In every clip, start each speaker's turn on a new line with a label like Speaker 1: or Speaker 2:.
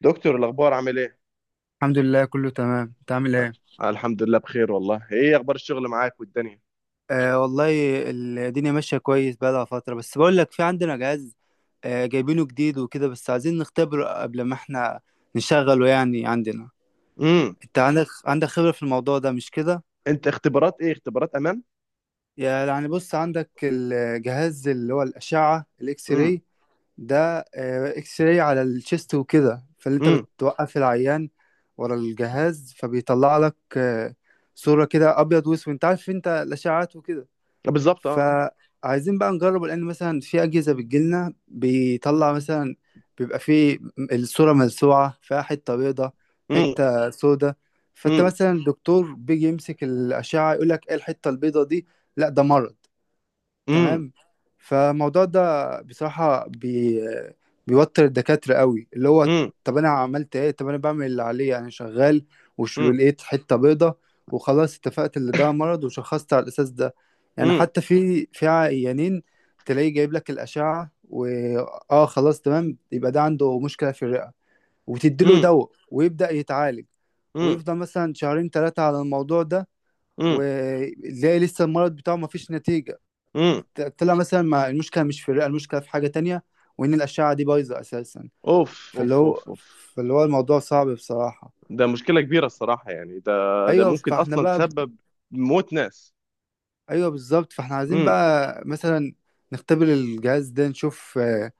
Speaker 1: دكتور، الاخبار عامل ايه؟
Speaker 2: الحمد لله كله تمام، انت عامل ايه؟
Speaker 1: آه، الحمد لله بخير والله. ايه اخبار الشغل معاك والدنيا؟
Speaker 2: والله الدنيا ماشيه كويس بقالها فتره، بس بقول لك في عندنا جهاز. جايبينه جديد وكده، بس عايزين نختبره قبل ما احنا نشغله. يعني عندنا
Speaker 1: امم.
Speaker 2: انت عندك خبره في الموضوع ده مش كده؟
Speaker 1: انت اختبارات ايه؟ اختبارات امان.
Speaker 2: يعني بص، عندك الجهاز اللي هو الاشعه الاكس
Speaker 1: امم.
Speaker 2: راي ده. اكس راي على الشيست وكده، فاللي انت
Speaker 1: امم.
Speaker 2: بتوقف العيان ورا الجهاز فبيطلع لك صوره كده ابيض واسود. انت عارف، انت الاشعات وكده.
Speaker 1: آه، بالظبط، اه.
Speaker 2: فعايزين بقى نجرب، لان مثلا في اجهزه بتجيلنا بيطلع مثلا بيبقى فيه الصوره ملسوعه، فيها حته بيضه
Speaker 1: امم.
Speaker 2: حته سودة. فانت
Speaker 1: امم.
Speaker 2: مثلا الدكتور بيجي يمسك الاشعه يقول لك ايه الحته البيضه دي؟ لا، ده مرض.
Speaker 1: امم.
Speaker 2: تمام. فالموضوع ده بصراحة بيوتر الدكاترة قوي. اللي هو
Speaker 1: امم.
Speaker 2: طب أنا عملت إيه؟ طب أنا بعمل اللي عليا، أنا شغال وش
Speaker 1: امم.
Speaker 2: لقيت حتة بيضة وخلاص اتفقت اللي ده مرض وشخصت على الأساس ده. يعني
Speaker 1: امم.
Speaker 2: حتى في عيانين تلاقيه جايب لك الأشعة خلاص تمام، يبقى ده عنده مشكلة في الرئة وتديله
Speaker 1: امم.
Speaker 2: دواء ويبدأ يتعالج
Speaker 1: امم.
Speaker 2: ويفضل مثلا شهرين ثلاثة على الموضوع ده،
Speaker 1: امم.
Speaker 2: وتلاقي لسه المرض بتاعه مفيش نتيجة.
Speaker 1: أمم.
Speaker 2: طلع مثلا ما المشكله مش في الرئه، المشكله في حاجه تانية، وان الاشعه دي بايظه اساسا.
Speaker 1: اوف
Speaker 2: فاللي
Speaker 1: اوف اوف
Speaker 2: هو
Speaker 1: اوف.
Speaker 2: فاللي هو الموضوع صعب بصراحه.
Speaker 1: ده مشكلة كبيرة الصراحة، يعني ده ده
Speaker 2: ايوه
Speaker 1: ممكن
Speaker 2: فاحنا
Speaker 1: اصلا
Speaker 2: بقى
Speaker 1: تسبب موت ناس.
Speaker 2: ايوه بالظبط. فاحنا عايزين
Speaker 1: امم.
Speaker 2: بقى مثلا نختبر الجهاز ده، نشوف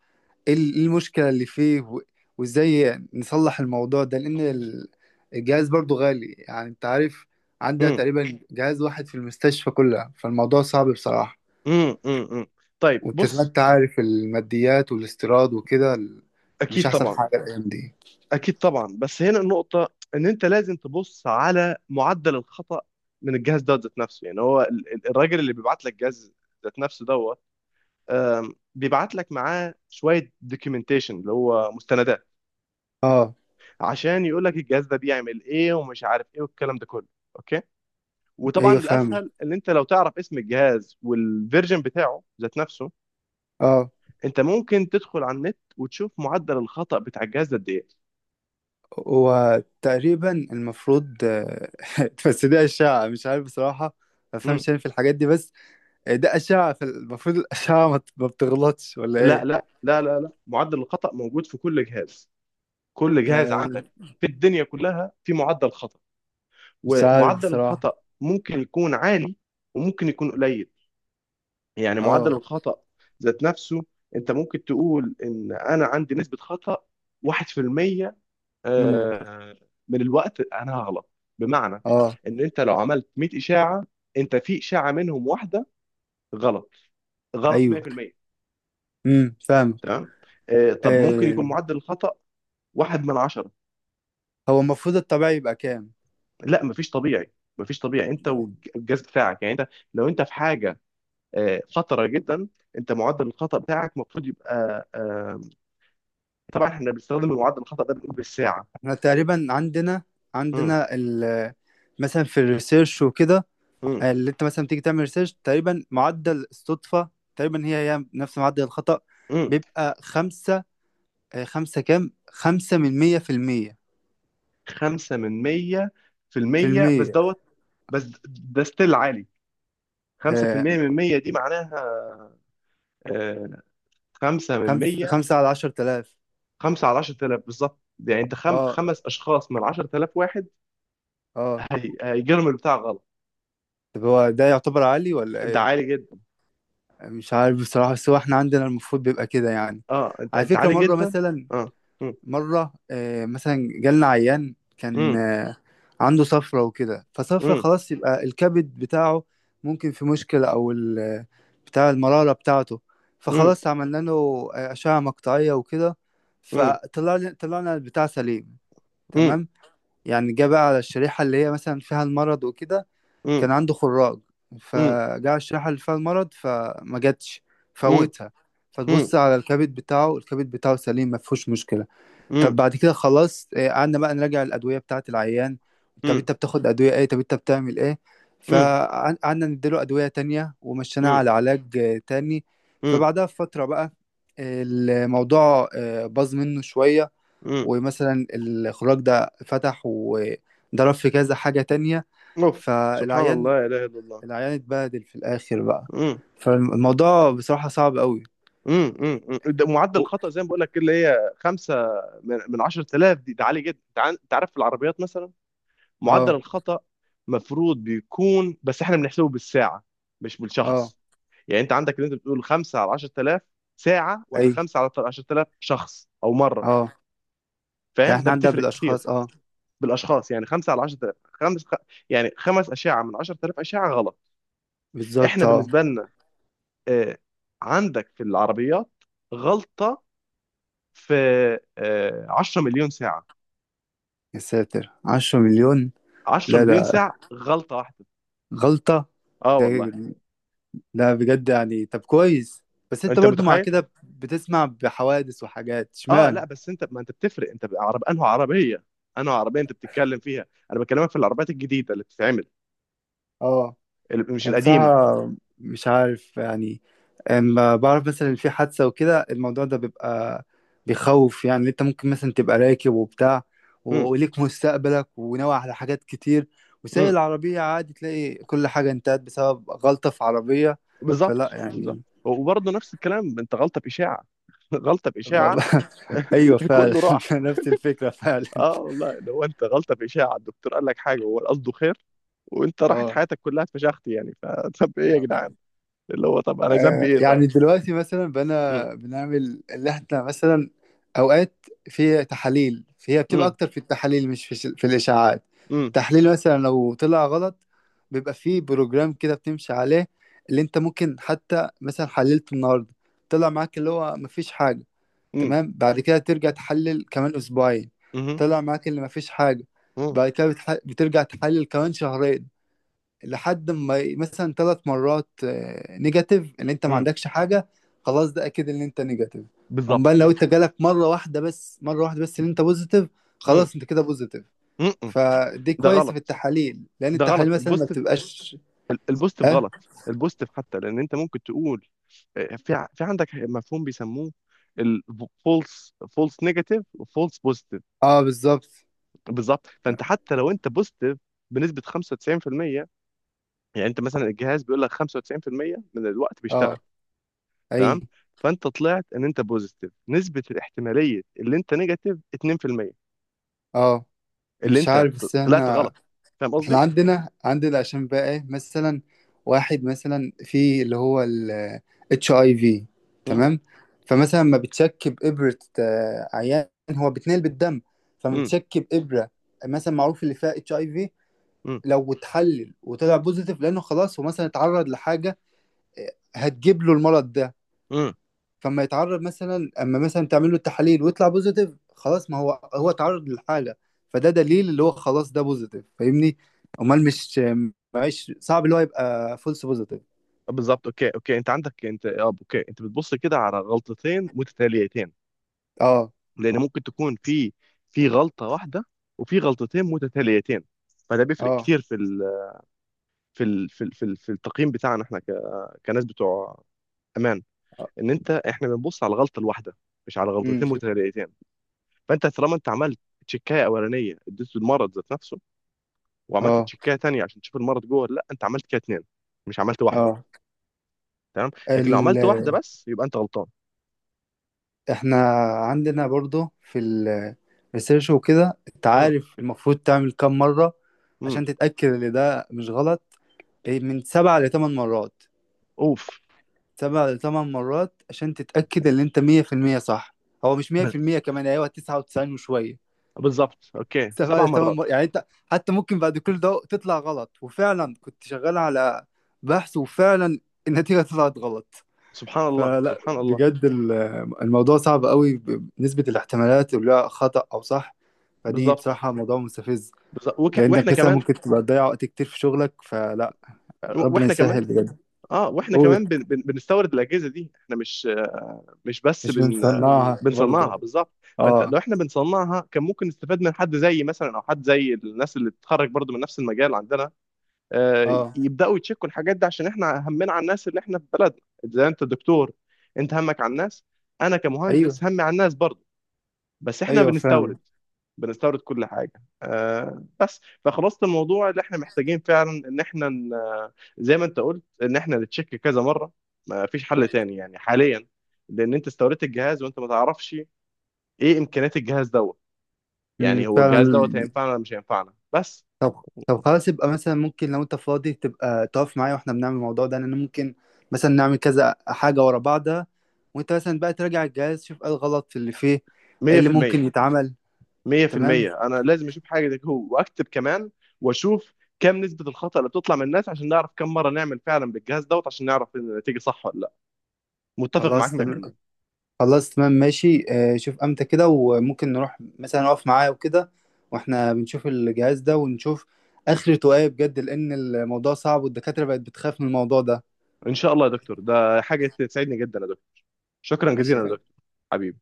Speaker 2: ايه إيه المشكله اللي فيه وازاي نصلح الموضوع ده. لان الجهاز برضو غالي، يعني انت عارف، عندها
Speaker 1: امم.
Speaker 2: تقريبا جهاز واحد في المستشفى كلها. فالموضوع صعب بصراحه.
Speaker 1: امم. امم. أمم. طيب
Speaker 2: وانت زي ما
Speaker 1: بص.
Speaker 2: انت عارف الماديات والاستيراد وكده، مش
Speaker 1: اكيد
Speaker 2: احسن
Speaker 1: طبعا.
Speaker 2: حاجه الايام دي.
Speaker 1: اكيد طبعا، بس هنا النقطه ان انت لازم تبص على معدل الخطا من الجهاز ده ذات نفسه. يعني هو ال- ال- الراجل اللي بيبعت لك جهاز ذات نفسه دوت، بيبعت لك معاه شويه دوكيومنتيشن اللي هو مستندات
Speaker 2: اه.
Speaker 1: عشان يقول لك الجهاز ده بيعمل ايه ومش عارف ايه والكلام ده كله. اوكي. وطبعا
Speaker 2: ايوه فاهمك.
Speaker 1: الاسهل ان انت لو تعرف اسم الجهاز والفيرجن بتاعه ذات نفسه،
Speaker 2: اه.
Speaker 1: انت ممكن تدخل على النت وتشوف معدل الخطا بتاع الجهاز ده قد ايه.
Speaker 2: وتقريبا المفروض بس دي أشعة، مش عارف بصراحة. ما بفهمش أنا في الحاجات دي، بس ده أشعة، فالمفروض الأشعة ما بتغلطش ولا
Speaker 1: لا
Speaker 2: إيه؟
Speaker 1: لا لا لا لا، معدل الخطأ موجود في كل جهاز، كل جهاز
Speaker 2: آه،
Speaker 1: عندك في الدنيا كلها في معدل خطأ.
Speaker 2: مش عارف
Speaker 1: ومعدل
Speaker 2: بصراحة.
Speaker 1: الخطأ ممكن يكون عالي وممكن يكون قليل. يعني معدل
Speaker 2: اه.
Speaker 1: الخطأ ذات نفسه، انت ممكن تقول ان انا عندي نسبة خطأ 1%،
Speaker 2: امم.
Speaker 1: آه، من الوقت انا هغلط. بمعنى
Speaker 2: اه.
Speaker 1: ان انت لو عملت 100 إشاعة، انت في إشاعة منهم واحدة غلط. غلط
Speaker 2: أيوه.
Speaker 1: 100%.
Speaker 2: فاهم.
Speaker 1: تمام. طب ممكن يكون
Speaker 2: آه،
Speaker 1: معدل الخطأ واحد من عشرة.
Speaker 2: هو المفروض الطبيعي يبقى كام؟
Speaker 1: لا مفيش طبيعي، مفيش طبيعي انت والجهاز بتاعك. يعني انت لو انت في حاجه خطره جدا، انت معدل الخطا بتاعك المفروض يبقى طبعا احنا بنستخدم معدل الخطا ده بنقول بالساعه.
Speaker 2: احنا تقريبا عندنا،
Speaker 1: امم.
Speaker 2: عندنا ال مثلا في الريسيرش وكده،
Speaker 1: امم.
Speaker 2: اللي انت مثلا بتيجي تعمل ريسيرش تقريبا معدل الصدفة تقريبا هي هي نفس معدل الخطأ.
Speaker 1: امم.
Speaker 2: بيبقى خمسة. خمسة كام، خمسة من مية في المية.
Speaker 1: 5 من 100 في
Speaker 2: في
Speaker 1: المية بس
Speaker 2: المية.
Speaker 1: دوت. بس ده ستيل عالي.
Speaker 2: آه،
Speaker 1: 5% من 100 دي معناها آه، 5 من
Speaker 2: خمسة،
Speaker 1: 100.
Speaker 2: خمسة على 10,000.
Speaker 1: 5 على 10,000 بالظبط. يعني انت خم...
Speaker 2: اه.
Speaker 1: خمس اشخاص من 10,000 واحد
Speaker 2: اه.
Speaker 1: هي... هيجيلهم البتاع غلط.
Speaker 2: طب هو ده يعتبر عالي ولا
Speaker 1: ده
Speaker 2: ايه؟
Speaker 1: عالي جدا.
Speaker 2: مش عارف بصراحة، بس هو احنا عندنا المفروض بيبقى كده يعني.
Speaker 1: اه، انت
Speaker 2: على
Speaker 1: انت
Speaker 2: فكرة،
Speaker 1: عالي
Speaker 2: مرة
Speaker 1: جدا.
Speaker 2: مثلا،
Speaker 1: اه. مم.
Speaker 2: مرة مثلا جالنا عيان كان
Speaker 1: مم.
Speaker 2: عنده صفرة وكده، فصفرة
Speaker 1: مم.
Speaker 2: خلاص يبقى الكبد بتاعه ممكن في مشكلة، أو بتاع المرارة بتاعته.
Speaker 1: مم.
Speaker 2: فخلاص عملنا له أشعة مقطعية وكده، فطلع طلعنا البتاع سليم.
Speaker 1: مم.
Speaker 2: تمام. يعني جه بقى على الشريحة اللي هي مثلا فيها المرض وكده. كان
Speaker 1: مم.
Speaker 2: عنده خراج،
Speaker 1: مم.
Speaker 2: فجاء الشريحة اللي فيها المرض فما جاتش،
Speaker 1: مم.
Speaker 2: فوتها.
Speaker 1: مم.
Speaker 2: فتبص على الكبد بتاعه، الكبد بتاعه سليم ما فيهوش مشكلة.
Speaker 1: مم.
Speaker 2: طب
Speaker 1: مم.
Speaker 2: بعد كده خلاص قعدنا بقى نراجع الأدوية بتاعة العيان. طب
Speaker 1: مم.
Speaker 2: أنت بتاخد أدوية إيه؟ طب أنت بتعمل إيه؟
Speaker 1: مم.
Speaker 2: فقعدنا نديله أدوية تانية ومشيناه
Speaker 1: مم.
Speaker 2: على علاج تاني.
Speaker 1: مم.
Speaker 2: فبعدها بفترة بقى الموضوع باظ منه شوية،
Speaker 1: مم.
Speaker 2: ومثلا الخراج ده فتح وضرب في كذا حاجة تانية.
Speaker 1: اوف. سبحان
Speaker 2: فالعيان،
Speaker 1: الله لا اله الا الله.
Speaker 2: العيان اتبهدل في الآخر بقى.
Speaker 1: مم.
Speaker 2: فالموضوع بصراحة صعب قوي.
Speaker 1: مم. مم. مم. ده معدل
Speaker 2: و-
Speaker 1: الخطأ زي ما بقول لك كده اللي هي 5 من من 10,000 دي، ده عالي جدا. انت عن- أنت عارف في العربيات مثلا معدل
Speaker 2: اه.
Speaker 1: الخطأ مفروض بيكون، بس احنا بنحسبه بالساعة مش
Speaker 2: اه.
Speaker 1: بالشخص. يعني انت عندك، اللي انت بتقول 5 على 10,000 ساعه ولا
Speaker 2: اي.
Speaker 1: 5 على 10,000 شخص او مره؟
Speaker 2: اه.
Speaker 1: فاهم،
Speaker 2: يعني
Speaker 1: ده
Speaker 2: احنا عندنا
Speaker 1: بتفرق كتير.
Speaker 2: بالأشخاص، اه
Speaker 1: بالاشخاص. يعني 5 على 10,000 خمس خ... يعني خمس اشعه من 10,000 اشعه غلط. احنا
Speaker 2: بالظبط. اه
Speaker 1: بالنسبه لنا آه، عندك في العربيات غلطه في 10 مليون ساعه.
Speaker 2: يا ساتر، 10 مليون!
Speaker 1: 10
Speaker 2: لا
Speaker 1: مليون
Speaker 2: ده
Speaker 1: ساعه غلطه واحده.
Speaker 2: غلطة
Speaker 1: اه
Speaker 2: ده.
Speaker 1: والله.
Speaker 2: لا بجد يعني، طب كويس. بس انت
Speaker 1: انت
Speaker 2: برضو مع
Speaker 1: متخيل؟
Speaker 2: كده بتسمع بحوادث وحاجات،
Speaker 1: اه، لا
Speaker 2: اشمعنى؟
Speaker 1: بس انت، ما انت بتفرق. انت عرب انه عربيه. انه عربيه انت بتتكلم فيها، انا بكلمك في العربيات الجديده اللي بتتعمل،
Speaker 2: اه.
Speaker 1: اللي- مش
Speaker 2: يعني
Speaker 1: القديمه.
Speaker 2: بصراحة مش عارف يعني، اما بعرف مثلا في حادثة وكده الموضوع ده بيبقى بيخوف. يعني انت ممكن مثلا تبقى راكب وبتاع وليك مستقبلك وناوي على حاجات كتير وسايق
Speaker 1: مم.
Speaker 2: العربية عادي، تلاقي كل حاجة انتهت بسبب غلطة في عربية.
Speaker 1: بالظبط
Speaker 2: فلا
Speaker 1: بالظبط.
Speaker 2: يعني.
Speaker 1: وبرضه نفس الكلام، انت غلطه باشاعه غلطه
Speaker 2: والله-
Speaker 1: باشاعه
Speaker 2: ايوه فعلا
Speaker 1: كله راح.
Speaker 2: نفس الفكره فعلا.
Speaker 1: اه والله، لو انت غلطه باشاعه الدكتور قال لك حاجه وهو قصده خير وانت راحت
Speaker 2: اه.
Speaker 1: حياتك كلها اتفشخت. يعني فطب ايه يا جدعان؟ اللي هو طب انا ذنبي ايه
Speaker 2: يعني
Speaker 1: طيب؟
Speaker 2: دلوقتي مثلا
Speaker 1: مم.
Speaker 2: بنعمل اللي احنا مثلا اوقات في تحاليل، فهي بتبقى
Speaker 1: مم.
Speaker 2: اكتر في التحاليل مش في الاشاعات.
Speaker 1: مم.
Speaker 2: تحليل مثلا لو طلع غلط بيبقى فيه بروجرام كده بتمشي عليه، اللي انت ممكن حتى مثلا حللت النهارده طلع معاك اللي هو مفيش حاجه.
Speaker 1: مم.
Speaker 2: تمام. بعد كده ترجع تحلل كمان اسبوعين،
Speaker 1: مم.
Speaker 2: طلع معاك اللي مفيش حاجه.
Speaker 1: مم.
Speaker 2: بعد كده بترجع تحلل كمان شهرين، لحد ما مثلا 3 مرات نيجاتيف ان انت ما
Speaker 1: مم.
Speaker 2: عندكش حاجه. خلاص، ده اكيد ان انت نيجاتيف.
Speaker 1: بالظبط.
Speaker 2: امال لو انت جالك مره واحده بس، مره واحده بس ان انت بوزيتيف،
Speaker 1: مم.
Speaker 2: خلاص انت كده بوزيتيف.
Speaker 1: مم. مم.
Speaker 2: فدي
Speaker 1: ده
Speaker 2: كويسه
Speaker 1: غلط.
Speaker 2: في التحاليل، لان
Speaker 1: ده غلط
Speaker 2: التحاليل مثلا ما
Speaker 1: البوستيف.
Speaker 2: بتبقاش.
Speaker 1: البوستيف
Speaker 2: اه.
Speaker 1: غلط. البوستيف، حتى لان انت ممكن تقول في ع- في عندك مفهوم بيسموه الفولس، فولس نيجاتيف وفولس بوزيتيف.
Speaker 2: اه بالظبط.
Speaker 1: بالظبط. فانت حتى لو انت بوزيتيف بنسبه 95%، يعني انت مثلا الجهاز بيقول لك 95% من الوقت بيشتغل.
Speaker 2: اه.
Speaker 1: تمام.
Speaker 2: اي.
Speaker 1: فانت طلعت ان انت بوزيتيف، نسبه الاحتماليه اللي انت نيجاتيف 2%،
Speaker 2: اه.
Speaker 1: اللي
Speaker 2: مش
Speaker 1: انت
Speaker 2: عارف،
Speaker 1: ط-
Speaker 2: بس
Speaker 1: طلعت
Speaker 2: احنا،
Speaker 1: غلط. فاهم قصدي؟
Speaker 2: احنا عندنا عشان بقى ايه، مثلا واحد مثلا في اللي هو ال اتش اي في.
Speaker 1: مم.
Speaker 2: تمام. فمثلا ما بتشك بإبرة عيان هو بيتنقل بالدم، فما
Speaker 1: مم.
Speaker 2: بتشك بإبرة مثلا معروف اللي فيها اتش اي في،
Speaker 1: مم.
Speaker 2: لو اتحلل وطلع بوزيتيف لانه خلاص هو مثلا اتعرض لحاجة هتجيب له المرض ده.
Speaker 1: مم.
Speaker 2: فما يتعرض مثلا اما مثلا تعمل له التحاليل ويطلع بوزيتيف، خلاص ما هو هو اتعرض للحاله. فده دليل اللي هو خلاص ده بوزيتيف، فاهمني؟ امال مش معيش صعب اللي هو يبقى فولس بوزيتيف.
Speaker 1: بالظبط. اوكي اوكي. انت عندك، انت، اه، اوكي. انت بتبص كده على غلطتين متتاليتين.
Speaker 2: اه.
Speaker 1: لان ممكن تكون في في غلطه واحده وفي غلطتين متتاليتين، فده بيفرق
Speaker 2: اه.
Speaker 1: كتير في ال في ال في ال في، ال في التقييم بتاعنا احنا ك- كناس بتوع امان. ان انت، احنا بنبص على الغلطه الواحده مش على
Speaker 2: امم.
Speaker 1: غلطتين متتاليتين. فانت طالما انت عملت تشيكايه اولانيه اديته المرض ذات نفسه وعملت
Speaker 2: اه.
Speaker 1: تشيكايه تانيه عشان تشوف المرض جوه ولا لا، انت عملت كده اتنين مش عملت واحده.
Speaker 2: اه.
Speaker 1: تمام. لكن لو
Speaker 2: ال...
Speaker 1: عملت واحده بس يبقى انت غلطان.
Speaker 2: احنا عندنا برضو في الريسيرش وكده انت
Speaker 1: امم.
Speaker 2: عارف المفروض تعمل كام مره
Speaker 1: امم.
Speaker 2: عشان تتاكد ان ده مش غلط؟ إيه، من 7 لـ8 مرات.
Speaker 1: اوف.
Speaker 2: 7 لـ8 مرات عشان تتأكد ان انت 100% صح. هو مش
Speaker 1: بس.
Speaker 2: 100% كمان، ايوه 99 وشوية.
Speaker 1: بالظبط اوكي
Speaker 2: سبع
Speaker 1: سبع
Speaker 2: لثمان
Speaker 1: مرات.
Speaker 2: مرات يعني انت حتى ممكن بعد كل ده تطلع غلط، وفعلا كنت شغال على بحث وفعلا النتيجة طلعت غلط.
Speaker 1: سبحان الله
Speaker 2: فلا
Speaker 1: سبحان الله.
Speaker 2: بجد الموضوع صعب قوي بنسبة الاحتمالات اللي هو خطأ او صح. فدي
Speaker 1: بالظبط.
Speaker 2: بصراحة موضوع مستفز،
Speaker 1: بالظبط وك...
Speaker 2: لأنك
Speaker 1: واحنا
Speaker 2: مثلا
Speaker 1: كمان.
Speaker 2: ممكن تبقى تضيع وقت كتير في شغلك. فلا، ربنا
Speaker 1: واحنا كمان.
Speaker 2: يسهل بجد.
Speaker 1: اه واحنا
Speaker 2: قول.
Speaker 1: كمان بن... بن... بنستورد الاجهزه دي. احنا مش مش بس
Speaker 2: مش
Speaker 1: بن
Speaker 2: بنصنعها
Speaker 1: بنصنعها.
Speaker 2: برضه.
Speaker 1: بالظبط. فانت
Speaker 2: اه.
Speaker 1: لو احنا بنصنعها كان ممكن نستفاد من حد زي مثلا، او حد زي الناس اللي بتتخرج برضو من نفس المجال عندنا،
Speaker 2: اه.
Speaker 1: يبداوا يتشكوا الحاجات دي عشان احنا همنا على الناس اللي احنا في بلدنا. زي انت دكتور، انت همك على الناس، انا
Speaker 2: ايوه.
Speaker 1: كمهندس همي على الناس برضو، بس احنا
Speaker 2: ايوه فعلا.
Speaker 1: بنستورد. بنستورد كل حاجه. آه بس، فخلاصه الموضوع اللي احنا محتاجين فعلا ان احنا ن- زي ما انت قلت ان احنا نتشيك كذا مره. ما فيش حل تاني يعني حاليا. لان انت استوردت الجهاز وانت ما تعرفش ايه امكانيات الجهاز دوت.
Speaker 2: أمم،
Speaker 1: يعني هو الجهاز دوت
Speaker 2: فعلا.
Speaker 1: هينفعنا ولا مش هينفعنا بس؟
Speaker 2: طب طب خلاص، يبقى مثلا ممكن لو انت فاضي تبقى تقف معايا واحنا بنعمل الموضوع ده، لان ممكن مثلا نعمل كذا حاجه ورا بعضها، وانت مثلا بقى تراجع الجهاز شوف ايه الغلط في اللي فيه، ايه اللي
Speaker 1: 100%.
Speaker 2: ممكن يتعمل. تمام.
Speaker 1: 100% انا لازم اشوف حاجه زي كده واكتب كمان. واشوف كم نسبه الخطا اللي بتطلع من الناس عشان نعرف كم مره نعمل فعلا بالجهاز دوت عشان نعرف ان النتيجه صح ولا لا. متفق معاك
Speaker 2: خلاص تمام.
Speaker 1: 100%.
Speaker 2: خلاص تمام ماشي، شوف امتى كده وممكن نروح مثلا نقف معايا وكده، واحنا بنشوف الجهاز ده ونشوف اخرته ايه بجد، لان الموضوع صعب والدكاتره بقت بتخاف من الموضوع ده.
Speaker 1: ان شاء الله يا دكتور، ده حاجه تسعدني جدا يا دكتور. شكرا جزيلا يا
Speaker 2: ماشي.
Speaker 1: دكتور حبيبي.